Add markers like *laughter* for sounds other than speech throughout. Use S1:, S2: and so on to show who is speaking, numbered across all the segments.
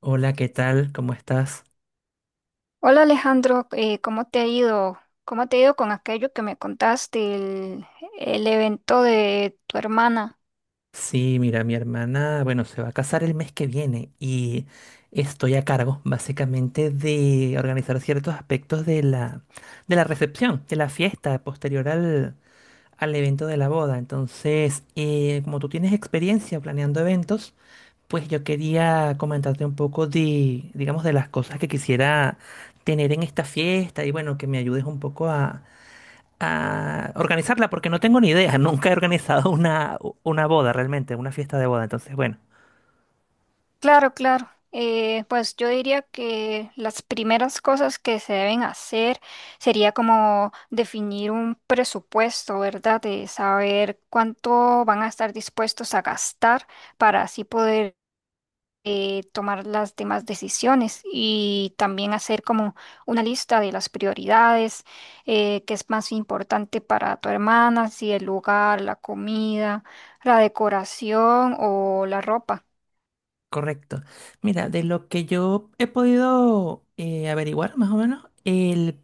S1: Hola, ¿qué tal? ¿Cómo estás?
S2: Hola Alejandro, ¿cómo te ha ido? ¿Cómo te ha ido con aquello que me contaste, el evento de tu hermana?
S1: Sí, mira, mi hermana, bueno, se va a casar el mes que viene y estoy a cargo básicamente de organizar ciertos aspectos de la recepción, de la fiesta posterior al evento de la boda. Entonces, como tú tienes experiencia planeando eventos, pues yo quería comentarte un poco de, digamos, de las cosas que quisiera tener en esta fiesta y bueno, que me ayudes un poco a organizarla porque no tengo ni idea. *laughs* Nunca he organizado una boda realmente, una fiesta de boda. Entonces, bueno,
S2: Claro, claro. Pues yo diría que las primeras cosas que se deben hacer sería como definir un presupuesto, ¿verdad? De saber cuánto van a estar dispuestos a gastar para así poder tomar las demás decisiones y también hacer como una lista de las prioridades, qué es más importante para tu hermana, si el lugar, la comida, la decoración o la ropa.
S1: correcto. Mira, de lo que yo he podido averiguar más o menos, el,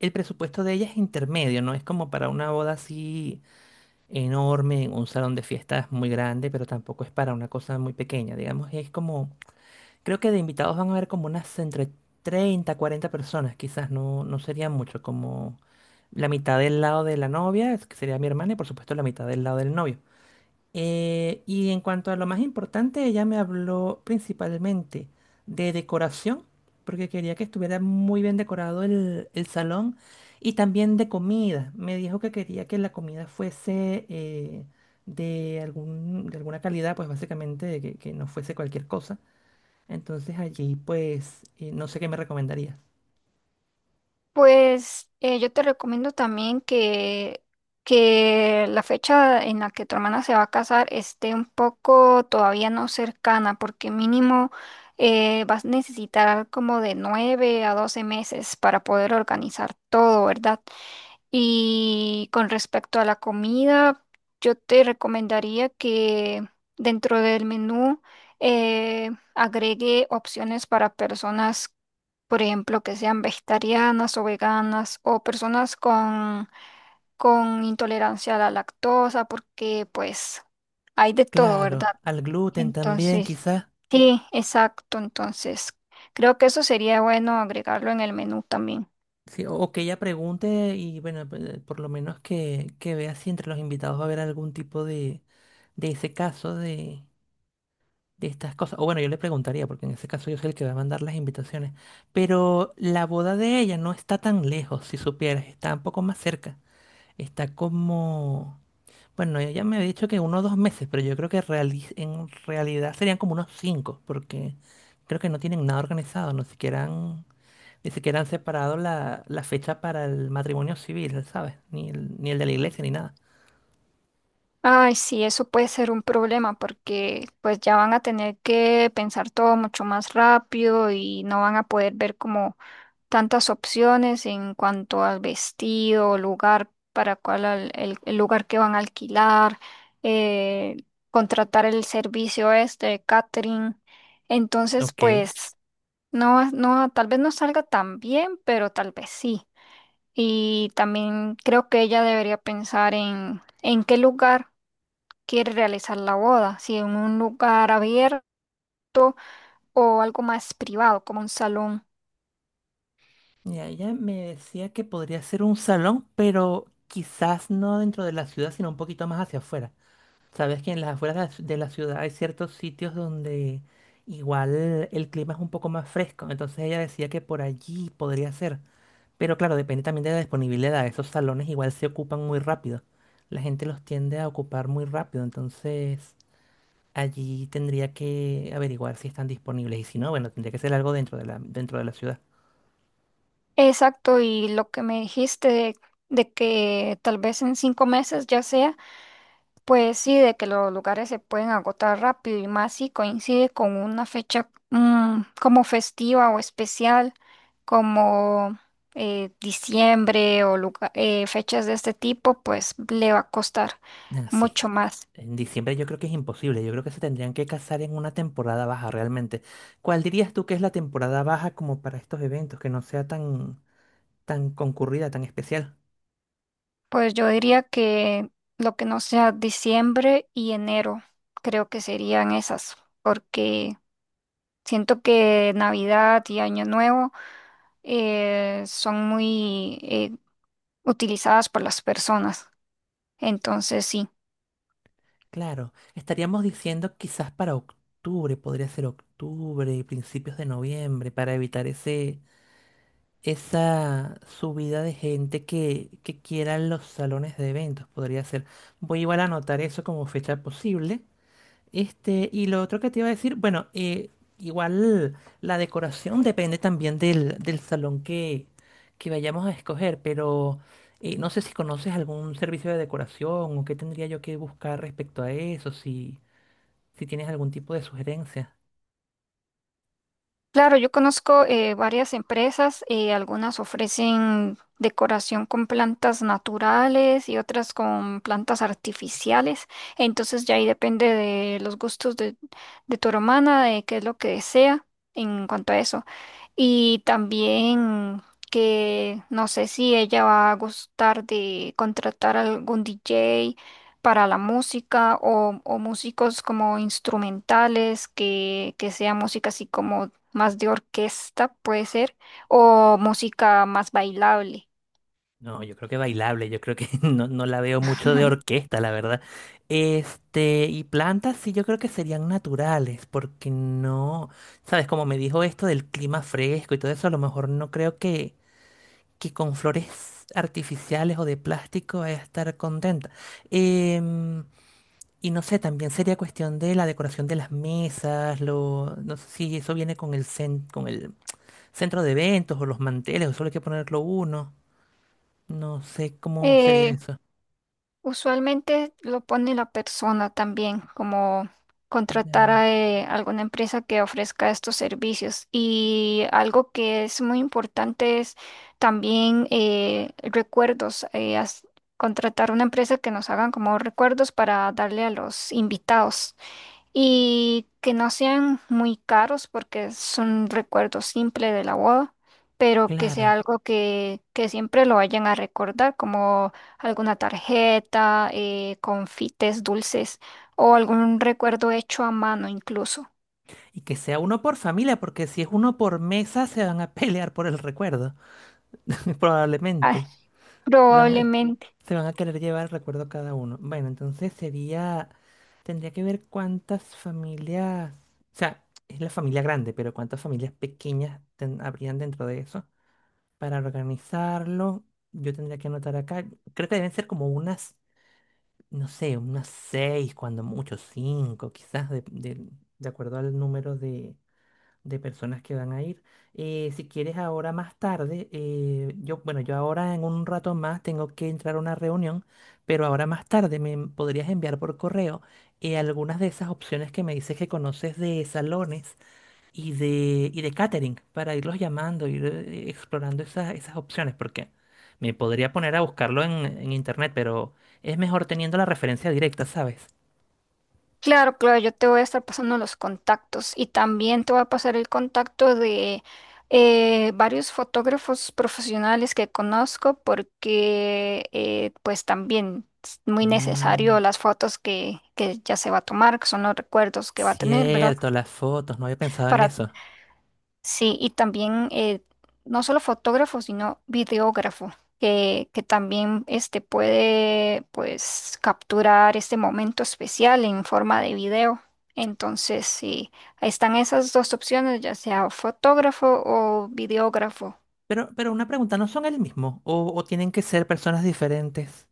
S1: el presupuesto de ella es intermedio, no es como para una boda así enorme, un salón de fiestas muy grande, pero tampoco es para una cosa muy pequeña. Digamos, es como. Creo que de invitados van a haber como unas entre 30, 40 personas, quizás no, no sería mucho, como la mitad del lado de la novia, es que sería mi hermana, y por supuesto la mitad del lado del novio. Y en cuanto a lo más importante, ella me habló principalmente de decoración, porque quería que estuviera muy bien decorado el salón, y también de comida. Me dijo que quería que la comida fuese de algún, de alguna calidad, pues básicamente de que no fuese cualquier cosa, entonces allí pues no sé qué me recomendarías.
S2: Pues yo te recomiendo también que la fecha en la que tu hermana se va a casar esté un poco todavía no cercana, porque mínimo vas a necesitar como de 9 a 12 meses para poder organizar todo, ¿verdad? Y con respecto a la comida, yo te recomendaría que dentro del menú eh, agregue opciones para personas, por ejemplo, que sean vegetarianas o veganas o personas con intolerancia a la lactosa, porque pues hay de todo,
S1: Claro,
S2: ¿verdad?
S1: al gluten también
S2: Entonces,
S1: quizás.
S2: sí, exacto, entonces creo que eso sería bueno agregarlo en el menú también.
S1: Sí, o que ella pregunte y bueno, por lo menos que vea si entre los invitados va a haber algún tipo de ese caso de estas cosas. O bueno, yo le preguntaría, porque en ese caso yo soy el que va a mandar las invitaciones. Pero la boda de ella no está tan lejos, si supieras, está un poco más cerca. Está como... Bueno, ella me había dicho que uno o dos meses, pero yo creo que en realidad serían como unos cinco, porque creo que no tienen nada organizado, no siquiera han, ni siquiera han separado la fecha para el matrimonio civil, ¿sabes? Ni el de la iglesia, ni nada.
S2: Ay, sí, eso puede ser un problema porque pues ya van a tener que pensar todo mucho más rápido y no van a poder ver como tantas opciones en cuanto al vestido, lugar para cuál al- el lugar que van a alquilar, eh, contratar el servicio este de catering. Entonces,
S1: Ok.
S2: pues no, tal vez no salga tan bien, pero tal vez sí. Y también creo que ella debería pensar en qué lugar quiere realizar la boda, si en un lugar abierto o algo más privado, como un salón.
S1: Y ella me decía que podría ser un salón, pero quizás no dentro de la ciudad, sino un poquito más hacia afuera. Sabes que en las afueras de la de la ciudad hay ciertos sitios donde igual el clima es un poco más fresco. Entonces ella decía que por allí podría ser. Pero claro, depende también de la disponibilidad. Esos salones igual se ocupan muy rápido. La gente los tiende a ocupar muy rápido, entonces allí tendría que averiguar si están disponibles. Y si no, bueno, tendría que ser algo dentro de la ciudad.
S2: Exacto, y lo que me dijiste de que tal vez en 5 meses ya sea, pues sí, de que los lugares se pueden agotar rápido y más si coincide con una fecha como festiva o especial, como diciembre o fechas de este tipo, pues le va a costar
S1: Ah, sí.
S2: mucho más.
S1: En diciembre yo creo que es imposible. Yo creo que se tendrían que casar en una temporada baja realmente. ¿Cuál dirías tú que es la temporada baja como para estos eventos, que no sea tan, tan concurrida, tan especial?
S2: Pues yo diría que lo que no sea diciembre y enero, creo que serían esas, porque... Siento que Navidad y Año Nuevo son muy utilizadas por las personas. Entonces, sí.
S1: Claro, estaríamos diciendo quizás para octubre, podría ser octubre, principios de noviembre, para evitar ese, esa subida de gente que quiera los salones de eventos, podría ser. Voy igual a anotar eso como fecha posible. Este, y lo otro que te iba a decir, bueno, igual la decoración depende también del salón que vayamos a escoger, pero no sé si conoces algún servicio de decoración o qué tendría yo que buscar respecto a eso, si tienes algún tipo de sugerencia.
S2: Claro, yo conozco varias empresas, algunas ofrecen decoración con plantas naturales y otras con plantas artificiales. Entonces, ya ahí depende de los gustos de tu hermana, de qué es lo que desea en cuanto a eso. Y también que no sé si ella va a gustar de contratar algún DJ para la música o músicos como instrumentales, que sea música así como más de orquesta, puede ser, o música más bailable.
S1: No, yo creo que bailable, yo creo que *laughs* no, no la veo mucho de orquesta, la verdad. Este, y plantas sí yo creo que serían naturales, porque no, sabes, como me dijo esto del clima fresco y todo eso, a lo mejor no creo que con flores artificiales o de plástico vaya a estar contenta. Em, y no sé, también sería cuestión de la decoración de las mesas, lo, no sé si eso viene con el, con el centro de eventos o los manteles, o solo hay que ponerlo uno. No sé cómo sería
S2: Eh,
S1: eso.
S2: Usualmente lo pone la persona también, como contratar
S1: Ya,
S2: a alguna empresa que ofrezca estos servicios. Y algo que es muy importante es también recuerdos, contratar una empresa que nos hagan como recuerdos para darle a los invitados y que no sean muy caros porque son recuerdos simples de la boda, pero que
S1: claro.
S2: sea algo que siempre lo vayan a recordar, como alguna tarjeta, confites dulces o algún recuerdo hecho a mano incluso.
S1: Y que sea uno por familia, porque si es uno por mesa, se van a *laughs* pelear por el recuerdo. *laughs*
S2: Ah,
S1: Probablemente. Van a-
S2: probablemente.
S1: se van a querer llevar el recuerdo cada uno. Bueno, entonces sería. Tendría que ver cuántas familias. O sea, es la familia grande, pero cuántas familias pequeñas habrían dentro de eso. Para organizarlo, yo tendría que anotar acá. Creo que deben ser como unas. No sé, unas seis, cuando mucho, cinco, quizás, de acuerdo al número de personas que van a ir. Si quieres ahora más tarde, yo, bueno, yo ahora en un rato más tengo que entrar a una reunión, pero ahora más tarde me podrías enviar por correo algunas de esas opciones que me dices que conoces de salones y de catering para irlos llamando, ir explorando esas, esas opciones, porque me podría poner a buscarlo en internet, pero es mejor teniendo la referencia directa, ¿sabes?
S2: Claro, claro, yo te voy a estar pasando los contactos y también te voy a pasar el contacto de varios fotógrafos profesionales que conozco porque pues también es muy
S1: Mm,
S2: necesario las fotos que ya se va a tomar, que son los recuerdos que va a tener, ¿verdad?
S1: cierto, las fotos, no había pensado en eso.
S2: Sí, y también no solo fotógrafo, sino videógrafo, que también este, puede pues, capturar este momento especial en forma de video. Entonces, sí, ahí están esas dos opciones, ya sea fotógrafo o videógrafo.
S1: Pero una pregunta, ¿no son el mismo? O tienen que ser personas diferentes?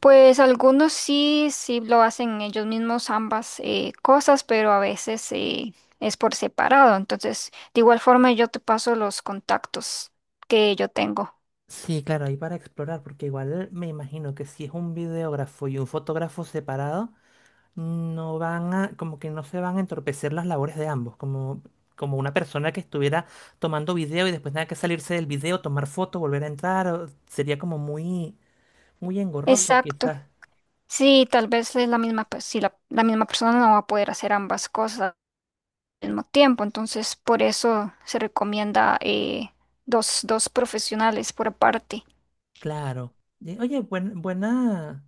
S2: Pues algunos sí, sí lo hacen ellos mismos ambas cosas, pero a veces es por separado. Entonces, de igual forma, yo te paso los contactos que yo tengo.
S1: Sí, claro, ahí para explorar, porque igual me imagino que si es un videógrafo y un fotógrafo separado no van a, como que no se van a entorpecer las labores de ambos, como, como una persona que estuviera tomando video y después tenga que salirse del video, tomar foto, volver a entrar, o- sería como muy, muy engorroso
S2: Exacto.
S1: quizás.
S2: Sí, tal vez es la misma, pues, si la misma persona no va a poder hacer ambas cosas al mismo tiempo, entonces por eso se recomienda dos profesionales por aparte.
S1: Claro. Y- Oye, buena,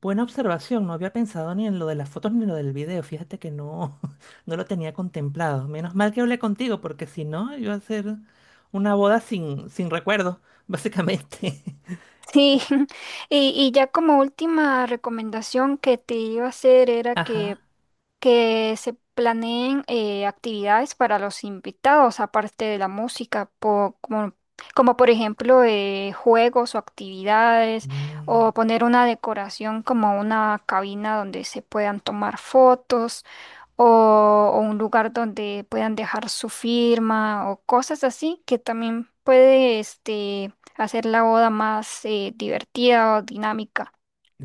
S1: buena observación, no había pensado ni en lo de las fotos ni en lo del video, fíjate que no, *laughs* no lo tenía contemplado. Menos mal que hablé contigo, porque si no, iba a ser una boda sin, sin recuerdos, básicamente.
S2: Sí, *laughs* y ya como última recomendación que te iba a hacer
S1: *laughs*
S2: era
S1: Ajá.
S2: que se planeen actividades para los invitados, aparte de la música, como, como por ejemplo juegos o actividades, o poner una decoración como una cabina donde se puedan tomar fotos, o un lugar donde puedan dejar su firma, o cosas así, que también puede este, hacer la boda más divertida o dinámica.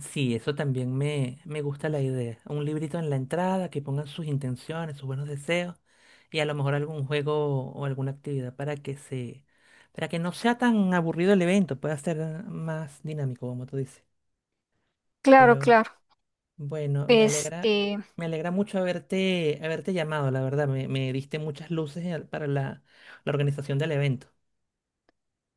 S1: Sí, eso también me gusta la idea. Un librito en la entrada que pongan sus intenciones, sus buenos deseos y a lo mejor algún juego o alguna actividad para que se, para que no sea tan aburrido el evento, pueda ser más dinámico, como tú dices.
S2: Claro,
S1: Pero
S2: claro.
S1: bueno, me alegra,
S2: Este.
S1: me alegra mucho haberte llamado, la verdad. Me diste muchas luces para la organización del evento.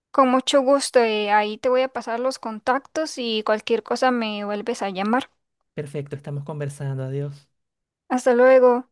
S2: Con mucho gusto, ahí te voy a pasar los contactos y cualquier cosa me vuelves a llamar.
S1: Perfecto, estamos conversando. Adiós.
S2: Hasta luego.